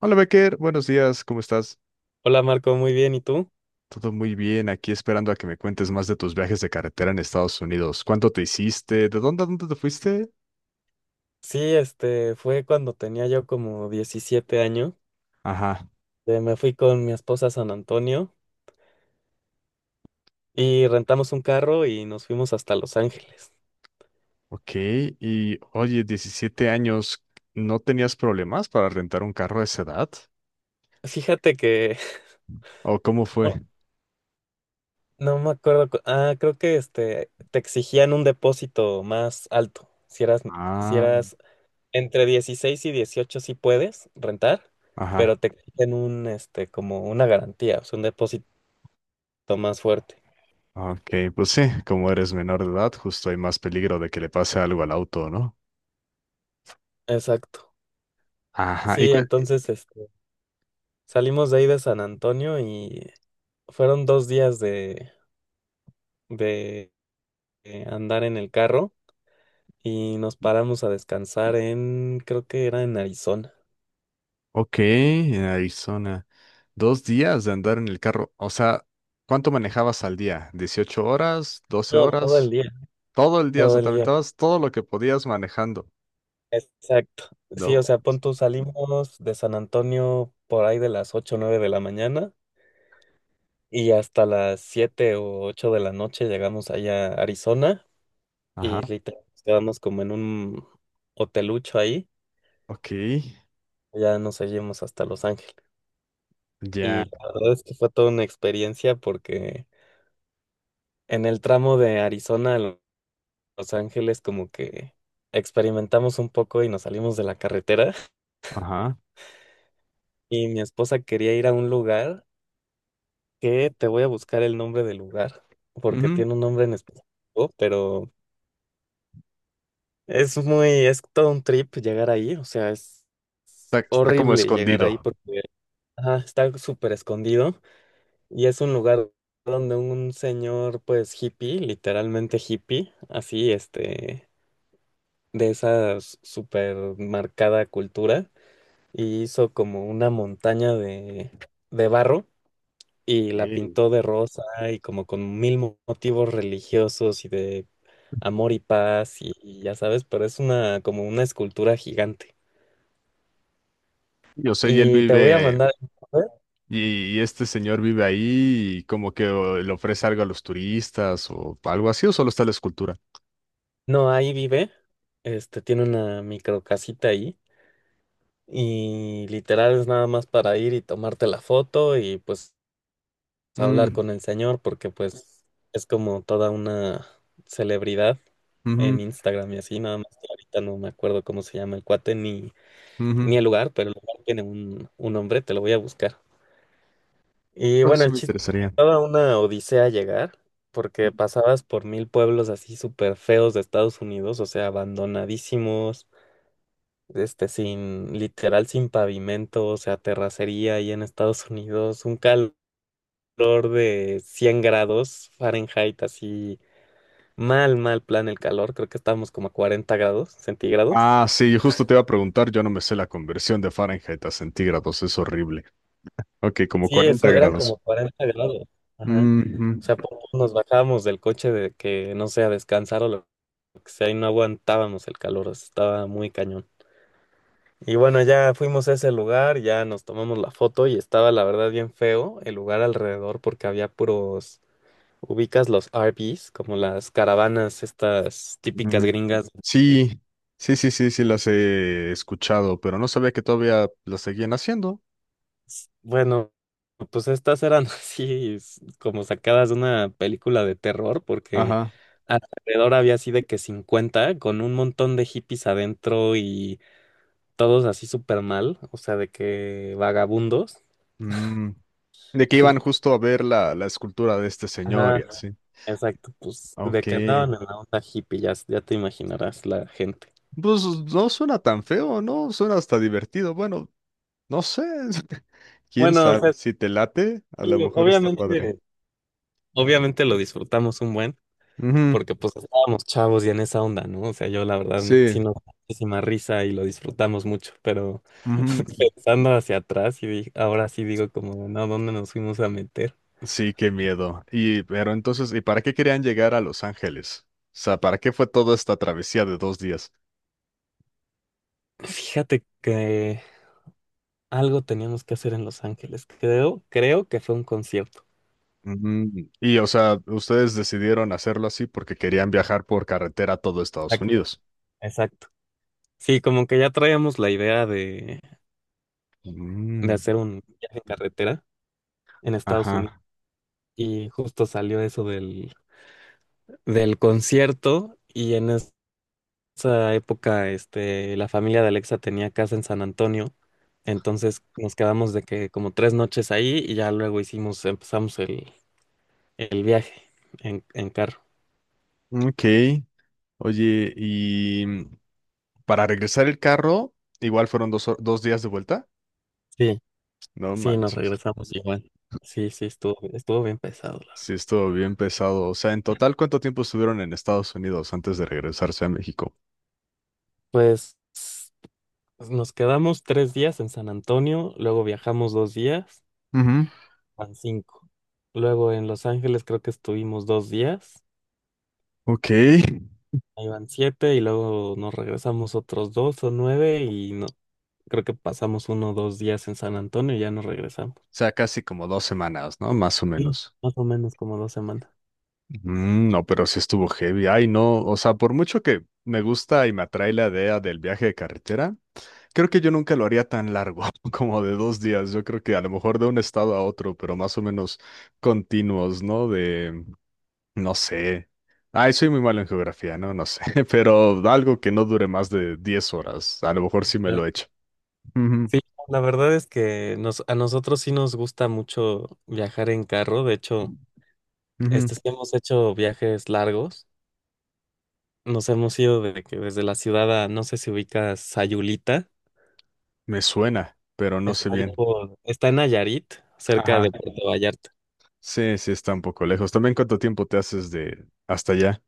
Hola Becker, buenos días, ¿cómo estás? Hola Marco, muy bien, ¿y tú? Todo muy bien, aquí esperando a que me cuentes más de tus viajes de carretera en Estados Unidos. ¿Cuánto te hiciste? ¿De dónde a dónde te fuiste? Sí, este fue cuando tenía yo como 17 años. Ajá, Me fui con mi esposa a San Antonio y rentamos un carro y nos fuimos hasta Los Ángeles. ok. Y oye, 17 años, ¿no tenías problemas para rentar un carro a esa edad? Fíjate que ¿O cómo fue? no, no me acuerdo, creo que te exigían un depósito más alto. Si eras si Ah, eras entre 16 y 18 sí puedes rentar, pero ajá, te exigen un como una garantía, o sea, un depósito más fuerte. ok, pues sí, como eres menor de edad, justo hay más peligro de que le pase algo al auto, ¿no? Exacto. Ajá, Sí, entonces salimos de ahí de San Antonio y fueron 2 días de, de andar en el carro y nos paramos a descansar en, creo que era en Arizona. ok, en Arizona. Dos días de andar en el carro. O sea, ¿cuánto manejabas al día? ¿Dieciocho horas? ¿Doce No, todo el horas? día, Todo el día, o todo sea, el te día. aventabas todo lo que podías manejando. Exacto. Sí, o No. sea, pon tú, salimos de San Antonio por ahí de las 8 o 9 de la mañana y hasta las 7 o 8 de la noche llegamos allá a Arizona Ajá. y literal nos quedamos como en un hotelucho ahí. Ok. Ya nos seguimos hasta Los Ángeles. Y Ya. la verdad es que fue toda una experiencia porque en el tramo de Arizona a Los Ángeles como que experimentamos un poco y nos salimos de la carretera Ajá, y mi esposa quería ir a un lugar que te voy a buscar el nombre del lugar porque ujú. tiene un nombre en específico, pero es muy, es todo un trip llegar ahí, o sea, es Está, está como horrible llegar ahí escondido. porque ajá, está súper escondido y es un lugar donde un señor pues hippie, literalmente hippie, así de esa super marcada cultura y hizo como una montaña de, barro y la Sí. pintó de rosa y como con mil motivos religiosos y de amor y paz y ya sabes, pero es una como una escultura gigante. Yo sé, y él Y te voy a vive, mandar, y este señor vive ahí y como que o le ofrece algo a los turistas o algo así, o solo está la escultura. no, ahí vive, tiene una micro casita ahí. Y literal es nada más para ir y tomarte la foto y pues a hablar Mm, con el señor porque pues es como toda una celebridad en ujú, Instagram y así, nada más que ahorita no me acuerdo cómo se llama el cuate ni, ujú. ni el lugar, pero el lugar tiene un nombre, te lo voy a buscar. Y Pero bueno, sí el me chiste es que interesaría. toda una odisea llegar, porque pasabas por mil pueblos así súper feos de Estados Unidos, o sea, abandonadísimos, sin, literal, sin pavimento, o sea, terracería ahí en Estados Unidos, un calor calor de 100 grados Fahrenheit, así mal, mal plan el calor, creo que estábamos como a 40 grados centígrados. Ah, sí, yo justo te iba a preguntar, yo no me sé la conversión de Fahrenheit a centígrados, es horrible. Ok, como Sí, cuarenta eso, eran grados. como 40 grados, ajá. Mm, mm, O sea, por poco nos bajábamos del coche de que, no sé, a descansar o lo que sea, y no aguantábamos el calor, o sea, estaba muy cañón. Y bueno, ya fuimos a ese lugar, ya nos tomamos la foto y estaba la verdad bien feo el lugar alrededor porque había puros, ubicas los RVs, como las caravanas estas típicas mm. gringas. eh, Sí, sí, sí, sí, sí, las he escuchado, pero no sabía que todavía las seguían haciendo. Bueno, pues estas eran así como sacadas de una película de terror, porque Ajá. alrededor había así de que 50 con un montón de hippies adentro y todos así súper mal, o sea, de que vagabundos. Mm. De que iban justo a ver la escultura de este señor y Ajá, así. exacto, pues de Ok. que andaban en la onda hippie, ya, ya te imaginarás la gente. Pues no suena tan feo, ¿no? Suena hasta divertido. Bueno, no sé. ¿Quién Bueno, o sabe? sea, Si te late, a lo sí, mejor está padre. obviamente, obviamente lo disfrutamos un buen. Ujú. Porque pues estábamos chavos y en esa onda, ¿no? O sea, yo la verdad Sí. sí nos da muchísima risa y lo disfrutamos mucho, pero Ujú. pensando hacia atrás y ahora sí digo como, no, ¿dónde nos fuimos a meter? Sí, qué miedo. Y pero entonces, ¿y para qué querían llegar a Los Ángeles? O sea, ¿para qué fue toda esta travesía de dos días? Fíjate que algo teníamos que hacer en Los Ángeles, creo, creo que fue un concierto. Ujú. Y, o sea, ustedes decidieron hacerlo así porque querían viajar por carretera a todo Estados Exacto. Unidos. Exacto. Sí, como que ya traíamos la idea de Mm, hacer un viaje en carretera en Estados Unidos ajá. y justo salió eso del concierto y en esa época, la familia de Alexa tenía casa en San Antonio, entonces nos quedamos de que como 3 noches ahí y ya luego hicimos, empezamos el viaje en carro. Ok. Oye, y mm, para regresar el carro, igual fueron dos días de vuelta. Sí, No sí, nos manches. regresamos igual. Sí, sí, estuvo bien pesado, la Sí, verdad. estuvo bien pesado. O sea, en total, ¿cuánto tiempo estuvieron en Estados Unidos antes de regresarse a México? Pues nos quedamos 3 días en San Antonio, luego viajamos 2 días, Ujú. van cinco. Luego en Los Ángeles creo que estuvimos 2 días. Ok. Ahí van siete y luego nos regresamos otros dos o nueve y no, creo que pasamos uno o dos días en San Antonio y ya nos regresamos. Sea, casi como dos semanas, ¿no? Más o Sí. menos. Más o menos como 2 semanas. Mm, no, pero sí estuvo heavy. Ay, no, o sea, por mucho que me gusta y me atrae la idea del viaje de carretera, creo que yo nunca lo haría tan largo, como de dos días. Yo creo que a lo mejor de un estado a otro, pero más o menos continuos, ¿no? De, no sé. Ay, soy muy malo en geografía, ¿no? No sé, pero algo que no dure más de 10 horas. A lo mejor sí me Ya. lo he hecho. Ujú, Sí, la verdad es que nos, a nosotros sí nos gusta mucho viajar en carro. De hecho, ujú. Sí hemos hecho viajes largos. Nos hemos ido desde, que, desde la ciudad a, no sé si ubicas Sayulita. Me suena, pero no Está, sé bien. Está en Nayarit, cerca de Puerto Vallarta. Sí, sí, está un poco lejos. También cuánto tiempo te haces de hasta allá.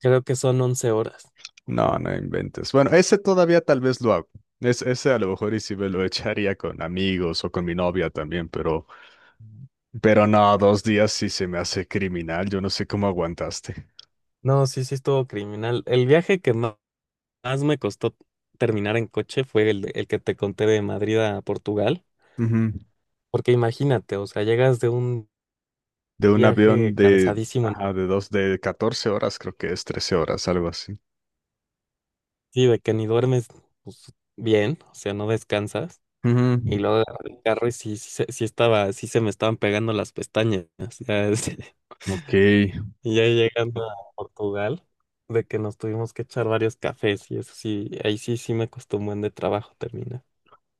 Creo que son 11 horas. No, no inventes. Bueno, ese todavía tal vez lo hago. Es, ese a lo mejor y sí me lo echaría con amigos o con mi novia también, pero no, dos días sí se me hace criminal. Yo no sé cómo aguantaste. No, sí, sí estuvo criminal. El viaje que más me costó terminar en coche fue el que te conté de Madrid a Portugal, Ujú. porque imagínate, o sea, llegas de un De un avión viaje de, cansadísimo, ajá, de dos, de 14 horas, creo que es 13 horas, algo así. sí, de que ni duermes pues, bien, o sea, no descansas, Ujú. y luego agarré el carro y sí, sí, sí estaba, sí se me estaban pegando las pestañas, ya, Ok. y ya llegando a Portugal, de que nos tuvimos que echar varios cafés, y eso sí, ahí sí, sí me costó un buen de trabajo terminar.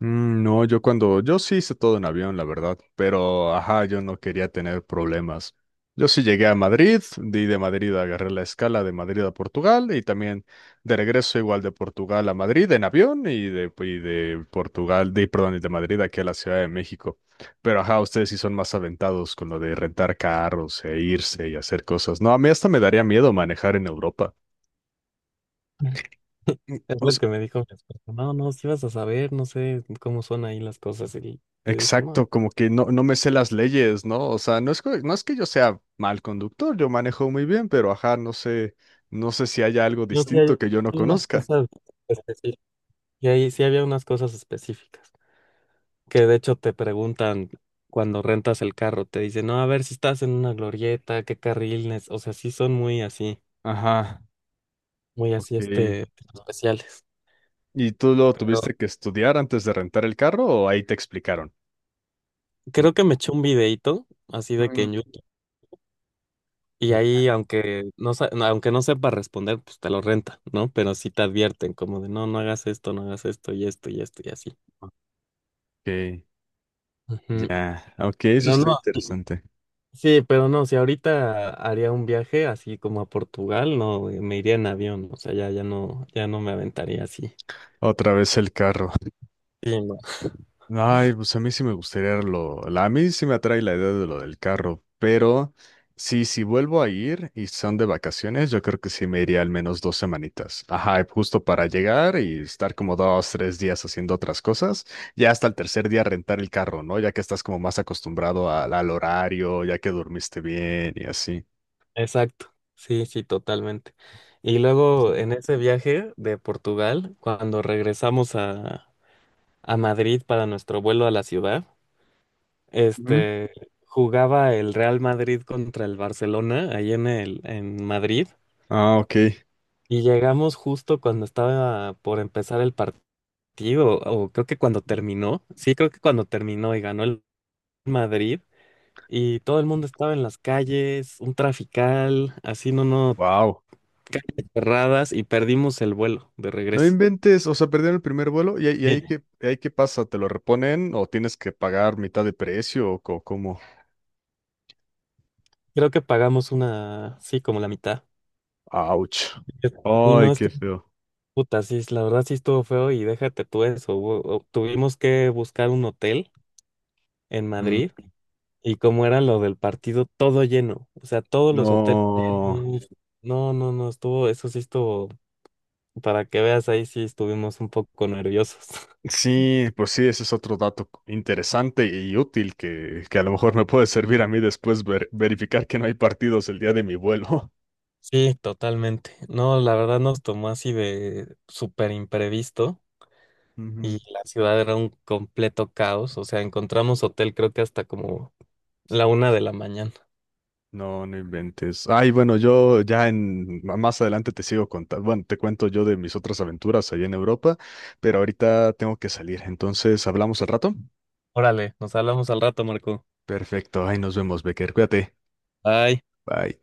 No, yo sí hice todo en avión, la verdad, pero ajá, yo no quería tener problemas. Yo sí llegué a Madrid, di de Madrid agarré la escala de Madrid a Portugal y también de regreso igual de Portugal a Madrid en avión y de Portugal, de, perdón, y de Madrid aquí a la Ciudad de México. Pero ajá, ustedes sí son más aventados con lo de rentar carros e irse y hacer cosas. No, a mí hasta me daría miedo manejar en Europa. Mm, Es O lo que me dijo mi esposa. No, no, si vas a saber, no sé cómo son ahí las cosas. Y le dije, no, Exacto, como que no, no me sé las leyes, ¿no? O sea, no es que yo sea mal conductor, yo manejo muy bien, pero ajá, no sé, no sé si haya algo yo sí distinto hay que yo no unas conozca. cosas específicas. Y ahí sí había unas cosas específicas. Que de hecho te preguntan cuando rentas el carro, te dicen, no, a ver si estás en una glorieta, qué carril, nes-". O sea, sí son Ajá, muy así, ok. Especiales. ¿Y tú lo Pero tuviste que estudiar antes de rentar el carro o ahí te explicaron? creo que me echó un videito así de que Mm. en YouTube. Y Sí, ahí, aunque no, aunque no sepa responder, pues te lo renta, ¿no? Pero sí te advierten, como de, no, no hagas esto, no hagas esto y esto y esto y así. ok, Ujú. ya, ok, eso Pero está no, interesante. sí, pero no, si ahorita haría un viaje así como a Portugal, no, me iría en avión, o sea, ya, ya no, ya no me aventaría así. Otra vez el carro. Sí, no. Ay, pues a mí sí me gustaría a mí sí me atrae la idea de lo del carro, pero sí, si vuelvo a ir y son de vacaciones, yo creo que sí me iría al menos dos semanitas. Ajá, justo para llegar y estar como dos, tres días haciendo otras cosas, ya hasta el tercer día rentar el carro, ¿no? Ya que estás como más acostumbrado al, al horario, ya que dormiste bien y así. Exacto, sí, sí, totalmente. Y luego en ese viaje de Portugal, cuando regresamos a Madrid para nuestro vuelo a la ciudad, Ujú. Este, jugaba el Real Madrid contra el Barcelona, ahí en Madrid, Ah, ok. y llegamos justo cuando estaba por empezar el partido, o creo que cuando terminó, sí, creo que cuando terminó y ganó el Madrid, y todo el mundo estaba en las calles, un trafical, así no, no, Wow. calles cerradas, y perdimos el vuelo de No regreso. inventes, o sea, perdieron el primer vuelo y, Sí, y ahí qué pasa, ¿te lo reponen o tienes que pagar mitad de precio o cómo? creo que pagamos una, sí, como la mitad. Ouch. Y no, Ay, qué feo. puta, sí, la verdad sí estuvo feo y déjate tú eso. Tuvimos que buscar un hotel en Mm, Madrid y como era lo del partido, todo lleno. O sea, todos los hoteles no. llenos. No, no, no, eso sí estuvo, para que veas, ahí sí estuvimos un poco nerviosos. Sí, pues sí, ese es otro dato interesante y útil que a lo mejor me puede servir a mí después verificar que no hay partidos el día de mi vuelo. Sí, totalmente. No, la verdad nos tomó así de súper imprevisto y Ujú. la ciudad era un completo caos. O sea, encontramos hotel creo que hasta como la una de la mañana. No, no inventes. Ay, bueno, yo ya en más adelante te sigo contando. Bueno, te cuento yo de mis otras aventuras allá en Europa, pero ahorita tengo que salir. Entonces, ¿hablamos al rato? Órale, nos hablamos al rato, Marco. Perfecto. Ay, nos vemos, Becker. Cuídate. Bye. Bye.